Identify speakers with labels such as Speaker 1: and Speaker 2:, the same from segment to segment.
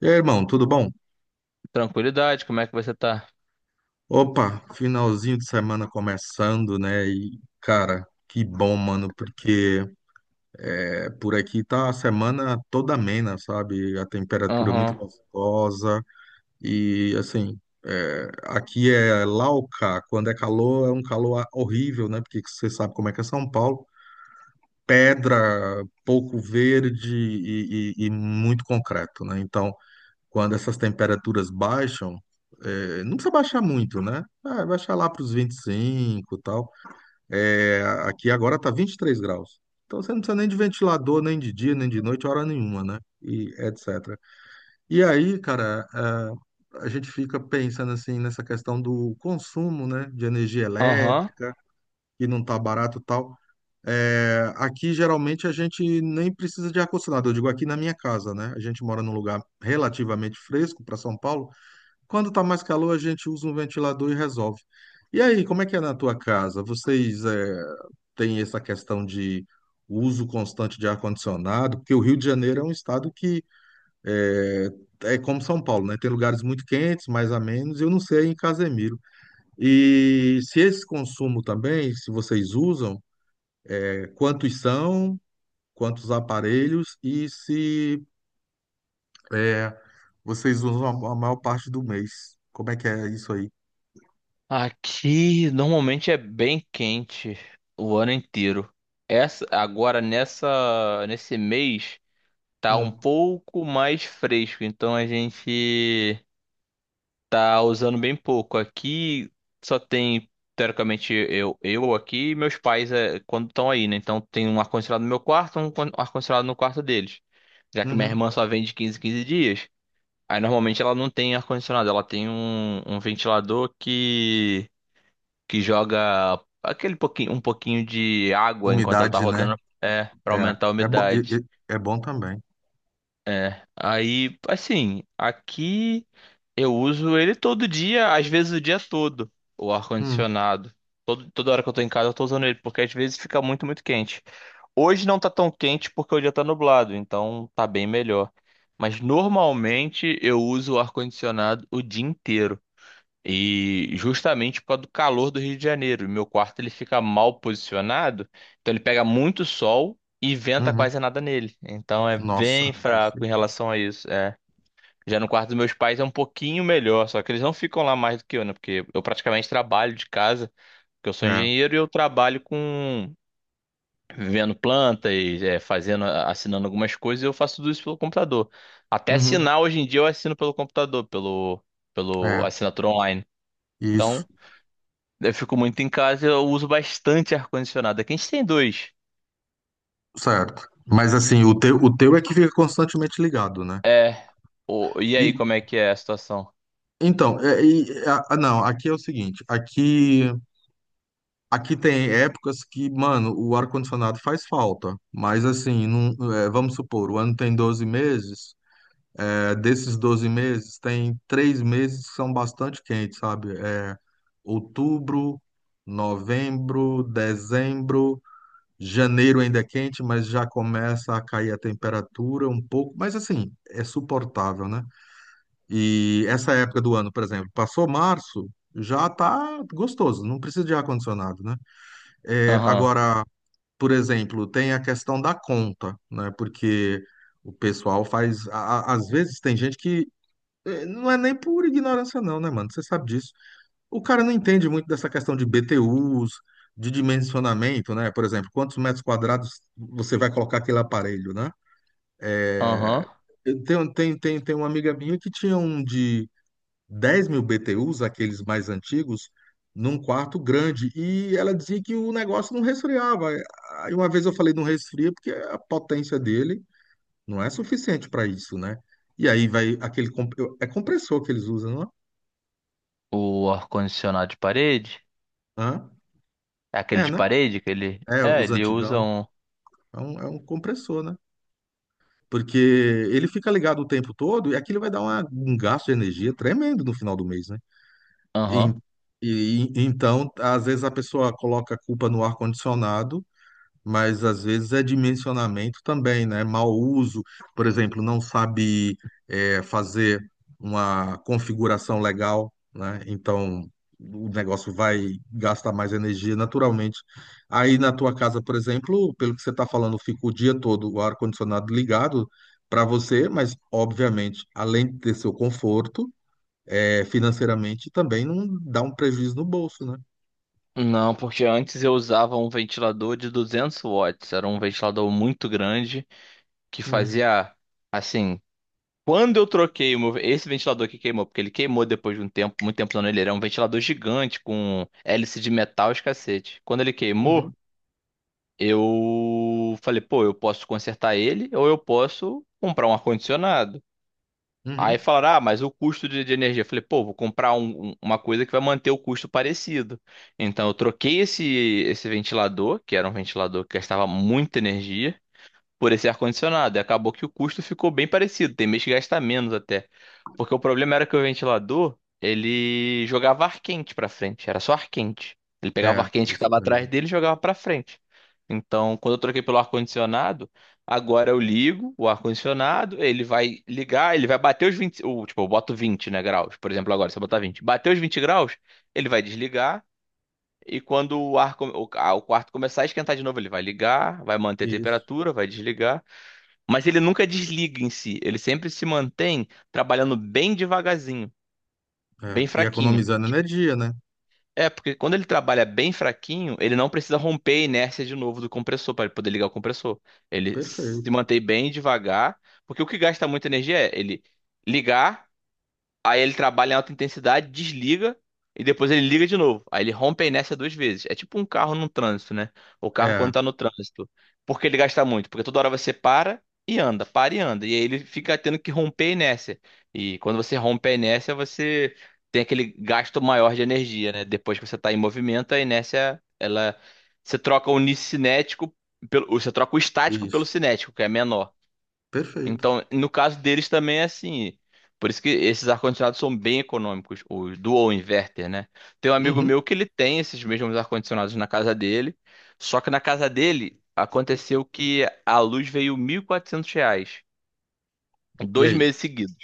Speaker 1: E aí, irmão, tudo bom?
Speaker 2: Tranquilidade, como é que você tá?
Speaker 1: Opa, finalzinho de semana começando, né? E, cara, que bom, mano, porque por aqui tá a semana toda amena, sabe? A temperatura muito
Speaker 2: Aham,
Speaker 1: gostosa e, assim, aqui é Lauca, quando é calor é um calor horrível, né? Porque você sabe como é que é São Paulo. Pedra, pouco verde e, e muito concreto, né? Então, quando essas temperaturas baixam, não precisa baixar muito, né? Ah, baixar lá para os 25 e cinco e tal. É, aqui agora tá 23 graus. Então você não precisa nem de ventilador, nem de dia, nem de noite, hora nenhuma, né? E etc. E aí, cara, a gente fica pensando assim nessa questão do consumo, né? De energia
Speaker 2: aham.
Speaker 1: elétrica, que não tá barato e tal. É, aqui geralmente a gente nem precisa de ar-condicionado. Eu digo aqui na minha casa, né? A gente mora num lugar relativamente fresco para São Paulo, quando tá mais calor, a gente usa um ventilador e resolve. E aí, como é que é na tua casa? Vocês têm essa questão de uso constante de ar-condicionado? Porque o Rio de Janeiro é um estado que eh, é, como São Paulo, né? Tem lugares muito quentes, mais a menos. Eu não sei em Casemiro. E se esse consumo também, se vocês usam, quantos são, quantos aparelhos e se eh, vocês usam a maior parte do mês? Como é que é isso aí?
Speaker 2: Aqui normalmente é bem quente o ano inteiro. Nesse mês tá um
Speaker 1: Hum,
Speaker 2: pouco mais fresco, então a gente tá usando bem pouco. Aqui só tem, teoricamente, eu aqui e meus pais é, quando estão aí, né? Então tem um ar-condicionado no meu quarto, ar-condicionado no quarto deles. Já que minha
Speaker 1: uhum.
Speaker 2: irmã só vem de 15 em 15 dias. Aí normalmente ela não tem ar-condicionado, ela tem um ventilador que joga um pouquinho de água enquanto ela tá
Speaker 1: Umidade, né?
Speaker 2: rodando, para aumentar a
Speaker 1: É, é, bo- e-
Speaker 2: umidade.
Speaker 1: e- é bom também.
Speaker 2: É. Aí, assim, aqui eu uso ele todo dia, às vezes o dia todo, o
Speaker 1: Hum,
Speaker 2: ar-condicionado. Toda hora que eu tô em casa eu tô usando ele, porque às vezes fica muito, muito quente. Hoje não tá tão quente porque o dia tá nublado, então tá bem melhor. Mas normalmente eu uso o ar-condicionado o dia inteiro. E justamente por causa do calor do Rio de Janeiro. E meu quarto ele fica mal posicionado, então ele pega muito sol e venta
Speaker 1: uhum.
Speaker 2: quase nada nele. Então é
Speaker 1: Nossa,
Speaker 2: bem
Speaker 1: deve ser.
Speaker 2: fraco em relação a isso. Já no quarto dos meus pais é um pouquinho melhor, só que eles não ficam lá mais do que eu, né? Porque eu praticamente trabalho de casa, porque eu sou
Speaker 1: é,
Speaker 2: engenheiro e eu trabalho com vendo plantas, fazendo, assinando algumas coisas, e eu faço tudo isso pelo computador. Até
Speaker 1: uhum,
Speaker 2: assinar hoje em dia eu assino pelo computador, pelo
Speaker 1: é,
Speaker 2: assinatura online.
Speaker 1: isso,
Speaker 2: Então, eu fico muito em casa, eu uso bastante ar-condicionado. Aqui a gente tem dois.
Speaker 1: certo. Mas assim, o teu é que fica constantemente ligado, né?
Speaker 2: É. E
Speaker 1: E
Speaker 2: aí, como é que é a situação?
Speaker 1: então, não, aqui é o seguinte, aqui tem épocas que, mano, o ar-condicionado faz falta, mas assim, não, é, vamos supor, o ano tem 12 meses. É, desses 12 meses, tem 3 meses que são bastante quentes, sabe? É outubro, novembro, dezembro, janeiro ainda é quente, mas já começa a cair a temperatura um pouco, mas assim, é suportável, né? E essa época do ano, por exemplo, passou março, já tá gostoso, não precisa de ar-condicionado, né? É,
Speaker 2: Aham.
Speaker 1: agora, por exemplo, tem a questão da conta, né? Porque o pessoal faz. Às vezes tem gente que não é nem por ignorância, não, né, mano? Você sabe disso. O cara não entende muito dessa questão de BTUs, de dimensionamento, né? Por exemplo, quantos metros quadrados você vai colocar aquele aparelho, né? É,
Speaker 2: Aham.
Speaker 1: Eu tenho- Tem, tem, tem, uma amiga minha que tinha um de 10.000 BTUs, aqueles mais antigos, num quarto grande. E ela dizia que o negócio não resfriava. Aí uma vez eu falei, não resfria porque a potência dele não é suficiente para isso, né? E aí vai aquele. É compressor que eles usam, não é?
Speaker 2: O ar-condicionado de parede?
Speaker 1: Hã?
Speaker 2: É aquele
Speaker 1: É,
Speaker 2: de
Speaker 1: né?
Speaker 2: parede que ele.
Speaker 1: É,
Speaker 2: É,
Speaker 1: os
Speaker 2: ele usa
Speaker 1: antigão.
Speaker 2: um.
Speaker 1: É um compressor, né? Porque ele fica ligado o tempo todo e aquilo vai dar um gasto de energia tremendo no final do mês, né? E,
Speaker 2: Aham.
Speaker 1: então, às vezes a pessoa coloca a culpa no ar-condicionado, mas às vezes é dimensionamento também, né? Mau uso, por exemplo, não sabe fazer uma configuração legal, né? Então o negócio vai gastar mais energia naturalmente. Aí na tua casa, por exemplo, pelo que você está falando, fica o dia todo o ar-condicionado ligado para você, mas obviamente, além de ter seu conforto, financeiramente também não dá um prejuízo no bolso, né?
Speaker 2: Não, porque antes eu usava um ventilador de 200 watts. Era um ventilador muito grande que
Speaker 1: Uhum,
Speaker 2: fazia, assim. Quando eu troquei esse ventilador que queimou, porque ele queimou depois de um tempo, muito tempo usando ele, era um ventilador gigante com hélice de metal e os cacete. Quando ele queimou,
Speaker 1: uhum,
Speaker 2: eu falei, pô, eu posso consertar ele ou eu posso comprar um ar-condicionado. Aí
Speaker 1: uhum.
Speaker 2: falaram, ah, mas o custo de energia. Eu falei, pô, vou comprar uma coisa que vai manter o custo parecido. Então eu troquei esse ventilador, que era um ventilador que gastava muita energia por esse ar-condicionado. E acabou que o custo ficou bem parecido. Tem mês que gasta menos até. Porque o problema era que o ventilador, ele jogava ar quente pra frente. Era só ar quente. Ele pegava o
Speaker 1: É,
Speaker 2: ar quente que
Speaker 1: isso
Speaker 2: estava atrás
Speaker 1: mesmo.
Speaker 2: dele e jogava pra frente. Então, quando eu troquei pelo ar-condicionado, agora eu ligo o ar-condicionado, ele vai ligar, ele vai bater os vinte, tipo, eu boto 20, né, graus, por exemplo, agora, se eu botar 20 bater os 20 graus, ele vai desligar, e quando o ar, o quarto começar a esquentar de novo, ele vai ligar, vai manter a
Speaker 1: Isso.
Speaker 2: temperatura, vai desligar, mas ele nunca desliga em si, ele sempre se mantém trabalhando bem devagarzinho,
Speaker 1: É,
Speaker 2: bem
Speaker 1: e
Speaker 2: fraquinho.
Speaker 1: economizando energia, né?
Speaker 2: É, porque quando ele trabalha bem fraquinho, ele não precisa romper a inércia de novo do compressor para poder ligar o compressor. Ele se
Speaker 1: Perfeito.
Speaker 2: mantém bem devagar, porque o que gasta muita energia é ele ligar. Aí ele trabalha em alta intensidade, desliga e depois ele liga de novo. Aí ele rompe a inércia duas vezes. É tipo um carro no trânsito, né? O carro
Speaker 1: É,
Speaker 2: quando tá no trânsito. Por que ele gasta muito? Porque toda hora você para e anda, para e anda. E aí ele fica tendo que romper a inércia. E quando você rompe a inércia, você tem aquele gasto maior de energia, né? Depois que você tá em movimento, a inércia, ela. Você troca o cinético pelo. Você troca o estático pelo
Speaker 1: isso.
Speaker 2: cinético, que é menor.
Speaker 1: Perfeito.
Speaker 2: Então, no caso deles também é assim. Por isso que esses ar-condicionados são bem econômicos, os dual inverter, né? Tem um amigo
Speaker 1: Uhum.
Speaker 2: meu que ele tem esses mesmos ar-condicionados na casa dele, só que na casa dele aconteceu que a luz veio R$ 1.400,
Speaker 1: E
Speaker 2: dois
Speaker 1: aí?
Speaker 2: meses seguidos,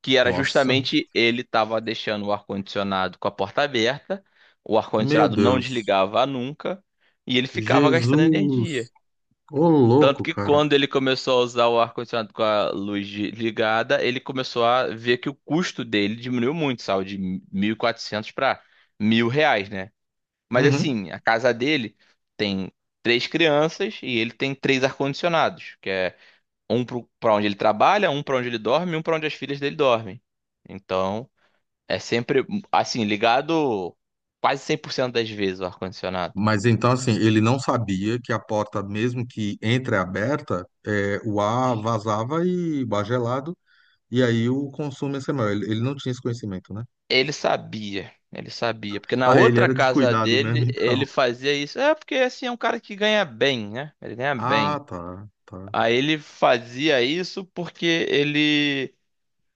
Speaker 2: que era
Speaker 1: Nossa,
Speaker 2: justamente ele estava deixando o ar-condicionado com a porta aberta, o
Speaker 1: meu
Speaker 2: ar-condicionado não
Speaker 1: Deus.
Speaker 2: desligava nunca, e ele ficava gastando energia.
Speaker 1: Jesus. Ô,
Speaker 2: Tanto
Speaker 1: louco,
Speaker 2: que
Speaker 1: cara.
Speaker 2: quando ele começou a usar o ar-condicionado com a luz ligada, ele começou a ver que o custo dele diminuiu muito, saiu de 1.400 para R$ 1.000, né? Mas
Speaker 1: Uhum.
Speaker 2: assim, a casa dele tem três crianças e ele tem três ar-condicionados, que é um para onde ele trabalha, um para onde ele dorme e um para onde as filhas dele dormem. Então, é sempre, assim, ligado quase 100% das vezes o ar-condicionado.
Speaker 1: Mas então, assim, ele não sabia que a porta, mesmo que entreaberta, o ar vazava e o ar gelado, e aí o consumo ia ser maior. Ele não tinha esse conhecimento, né?
Speaker 2: Ele sabia, porque na
Speaker 1: Ah, ele
Speaker 2: outra
Speaker 1: era
Speaker 2: casa
Speaker 1: descuidado mesmo,
Speaker 2: dele ele
Speaker 1: então.
Speaker 2: fazia isso. É porque assim é um cara que ganha bem, né? Ele ganha
Speaker 1: Ah,
Speaker 2: bem.
Speaker 1: tá, tá.
Speaker 2: Aí ele fazia isso porque ele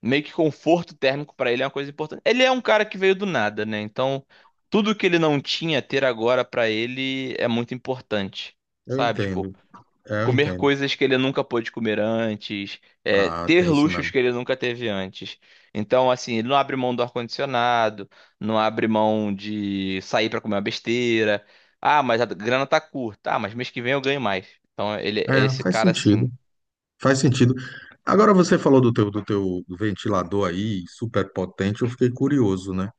Speaker 2: meio que conforto térmico pra ele é uma coisa importante. Ele é um cara que veio do nada, né? Então tudo que ele não tinha ter agora pra ele é muito importante,
Speaker 1: Eu
Speaker 2: sabe? Tipo,
Speaker 1: entendo. É, eu
Speaker 2: comer
Speaker 1: entendo.
Speaker 2: coisas que ele nunca pôde comer antes,
Speaker 1: Ah,
Speaker 2: ter
Speaker 1: tem isso
Speaker 2: luxos
Speaker 1: mesmo.
Speaker 2: que ele nunca teve antes. Então, assim, ele não abre mão do ar-condicionado, não abre mão de sair para comer uma besteira. Ah, mas a grana tá curta. Ah, mas mês que vem eu ganho mais. Então, ele é
Speaker 1: É,
Speaker 2: esse
Speaker 1: faz
Speaker 2: cara
Speaker 1: sentido.
Speaker 2: assim.
Speaker 1: Faz sentido. Agora você falou do teu, ventilador aí, super potente, eu fiquei curioso, né?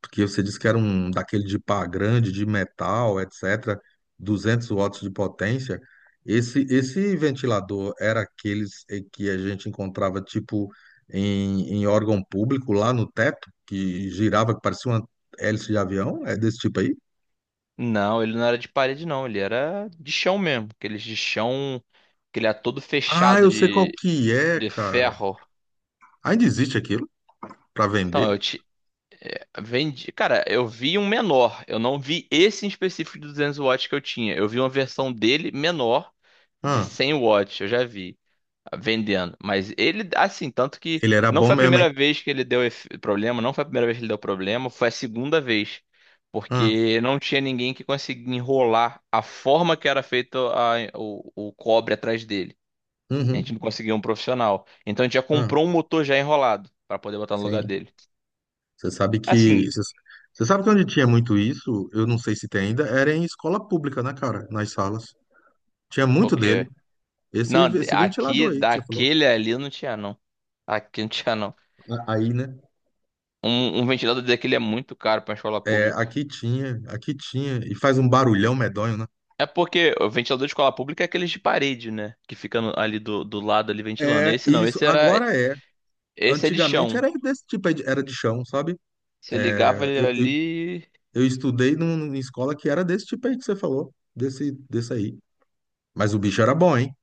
Speaker 1: Porque você disse que era um daquele de pá grande, de metal, etc., 200 watts de potência. Esse ventilador era aqueles que a gente encontrava, tipo, em órgão público, lá no teto, que girava, que parecia uma hélice de avião? É desse tipo aí?
Speaker 2: Não, ele não era de parede, não. Ele era de chão mesmo. Aqueles de chão, que ele era todo
Speaker 1: Ah,
Speaker 2: fechado
Speaker 1: eu sei qual
Speaker 2: de,
Speaker 1: que é,
Speaker 2: de
Speaker 1: cara.
Speaker 2: ferro.
Speaker 1: Ainda existe aquilo para
Speaker 2: Então,
Speaker 1: vender?
Speaker 2: vendi, cara, eu vi um menor. Eu não vi esse em específico de 200 watts que eu tinha. Eu vi uma versão dele menor, de 100 watts, eu já vi vendendo. Mas ele, assim, tanto que
Speaker 1: Ele era
Speaker 2: não
Speaker 1: bom
Speaker 2: foi a
Speaker 1: mesmo, hein?
Speaker 2: primeira vez que ele deu problema, não foi a primeira vez que ele deu problema, foi a segunda vez.
Speaker 1: Ah,
Speaker 2: Porque não tinha ninguém que conseguia enrolar a forma que era feito o cobre atrás dele. A gente
Speaker 1: uhum,
Speaker 2: não conseguia um profissional. Então a gente já
Speaker 1: ah,
Speaker 2: comprou um motor já enrolado para poder botar no lugar
Speaker 1: sim.
Speaker 2: dele.
Speaker 1: Você sabe que.
Speaker 2: Assim,
Speaker 1: Você você sabe que onde tinha muito isso, eu não sei se tem ainda, era em escola pública, né, cara? Nas salas. Tinha muito
Speaker 2: ok.
Speaker 1: dele. Esse,
Speaker 2: Não,
Speaker 1: esse
Speaker 2: aqui,
Speaker 1: ventilador aí que você falou.
Speaker 2: daquele ali não tinha, não. Aqui não tinha, não.
Speaker 1: Aí, né?
Speaker 2: Um ventilador daquele é muito caro pra escola
Speaker 1: É,
Speaker 2: pública.
Speaker 1: aqui tinha, aqui tinha. E faz um barulhão medonho, né?
Speaker 2: É porque o ventilador de escola pública é aqueles de parede, né? Que fica ali do lado ali ventilando.
Speaker 1: É,
Speaker 2: Esse não,
Speaker 1: isso.
Speaker 2: esse era.
Speaker 1: Agora é.
Speaker 2: Esse é de
Speaker 1: Antigamente
Speaker 2: chão.
Speaker 1: era desse tipo aí, era de chão, sabe?
Speaker 2: Você ligava ele
Speaker 1: Eu, eu,
Speaker 2: ali.
Speaker 1: eu estudei numa escola que era desse tipo aí que você falou. Desse aí. Mas o bicho era bom, hein?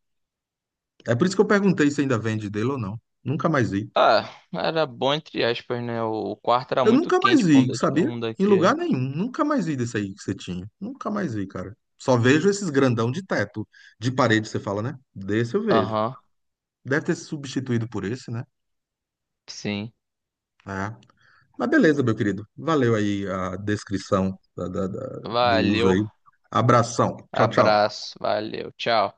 Speaker 1: É por isso que eu perguntei se ainda vende dele ou não. Nunca mais vi.
Speaker 2: Ah, era bom entre aspas, né? O quarto era
Speaker 1: Eu
Speaker 2: muito
Speaker 1: nunca mais
Speaker 2: quente pra
Speaker 1: vi, sabia?
Speaker 2: um
Speaker 1: Em lugar
Speaker 2: daquele.
Speaker 1: nenhum. Nunca mais vi desse aí que você tinha. Nunca mais vi, cara. Só vejo esses grandão de teto, de parede, você fala, né? Desse eu vejo.
Speaker 2: Aham,
Speaker 1: Deve ter se substituído por esse, né?
Speaker 2: sim.
Speaker 1: É. Mas beleza, meu querido. Valeu aí a descrição do uso
Speaker 2: Valeu.
Speaker 1: aí. Abração. Tchau, tchau.
Speaker 2: Abraço. Valeu. Tchau.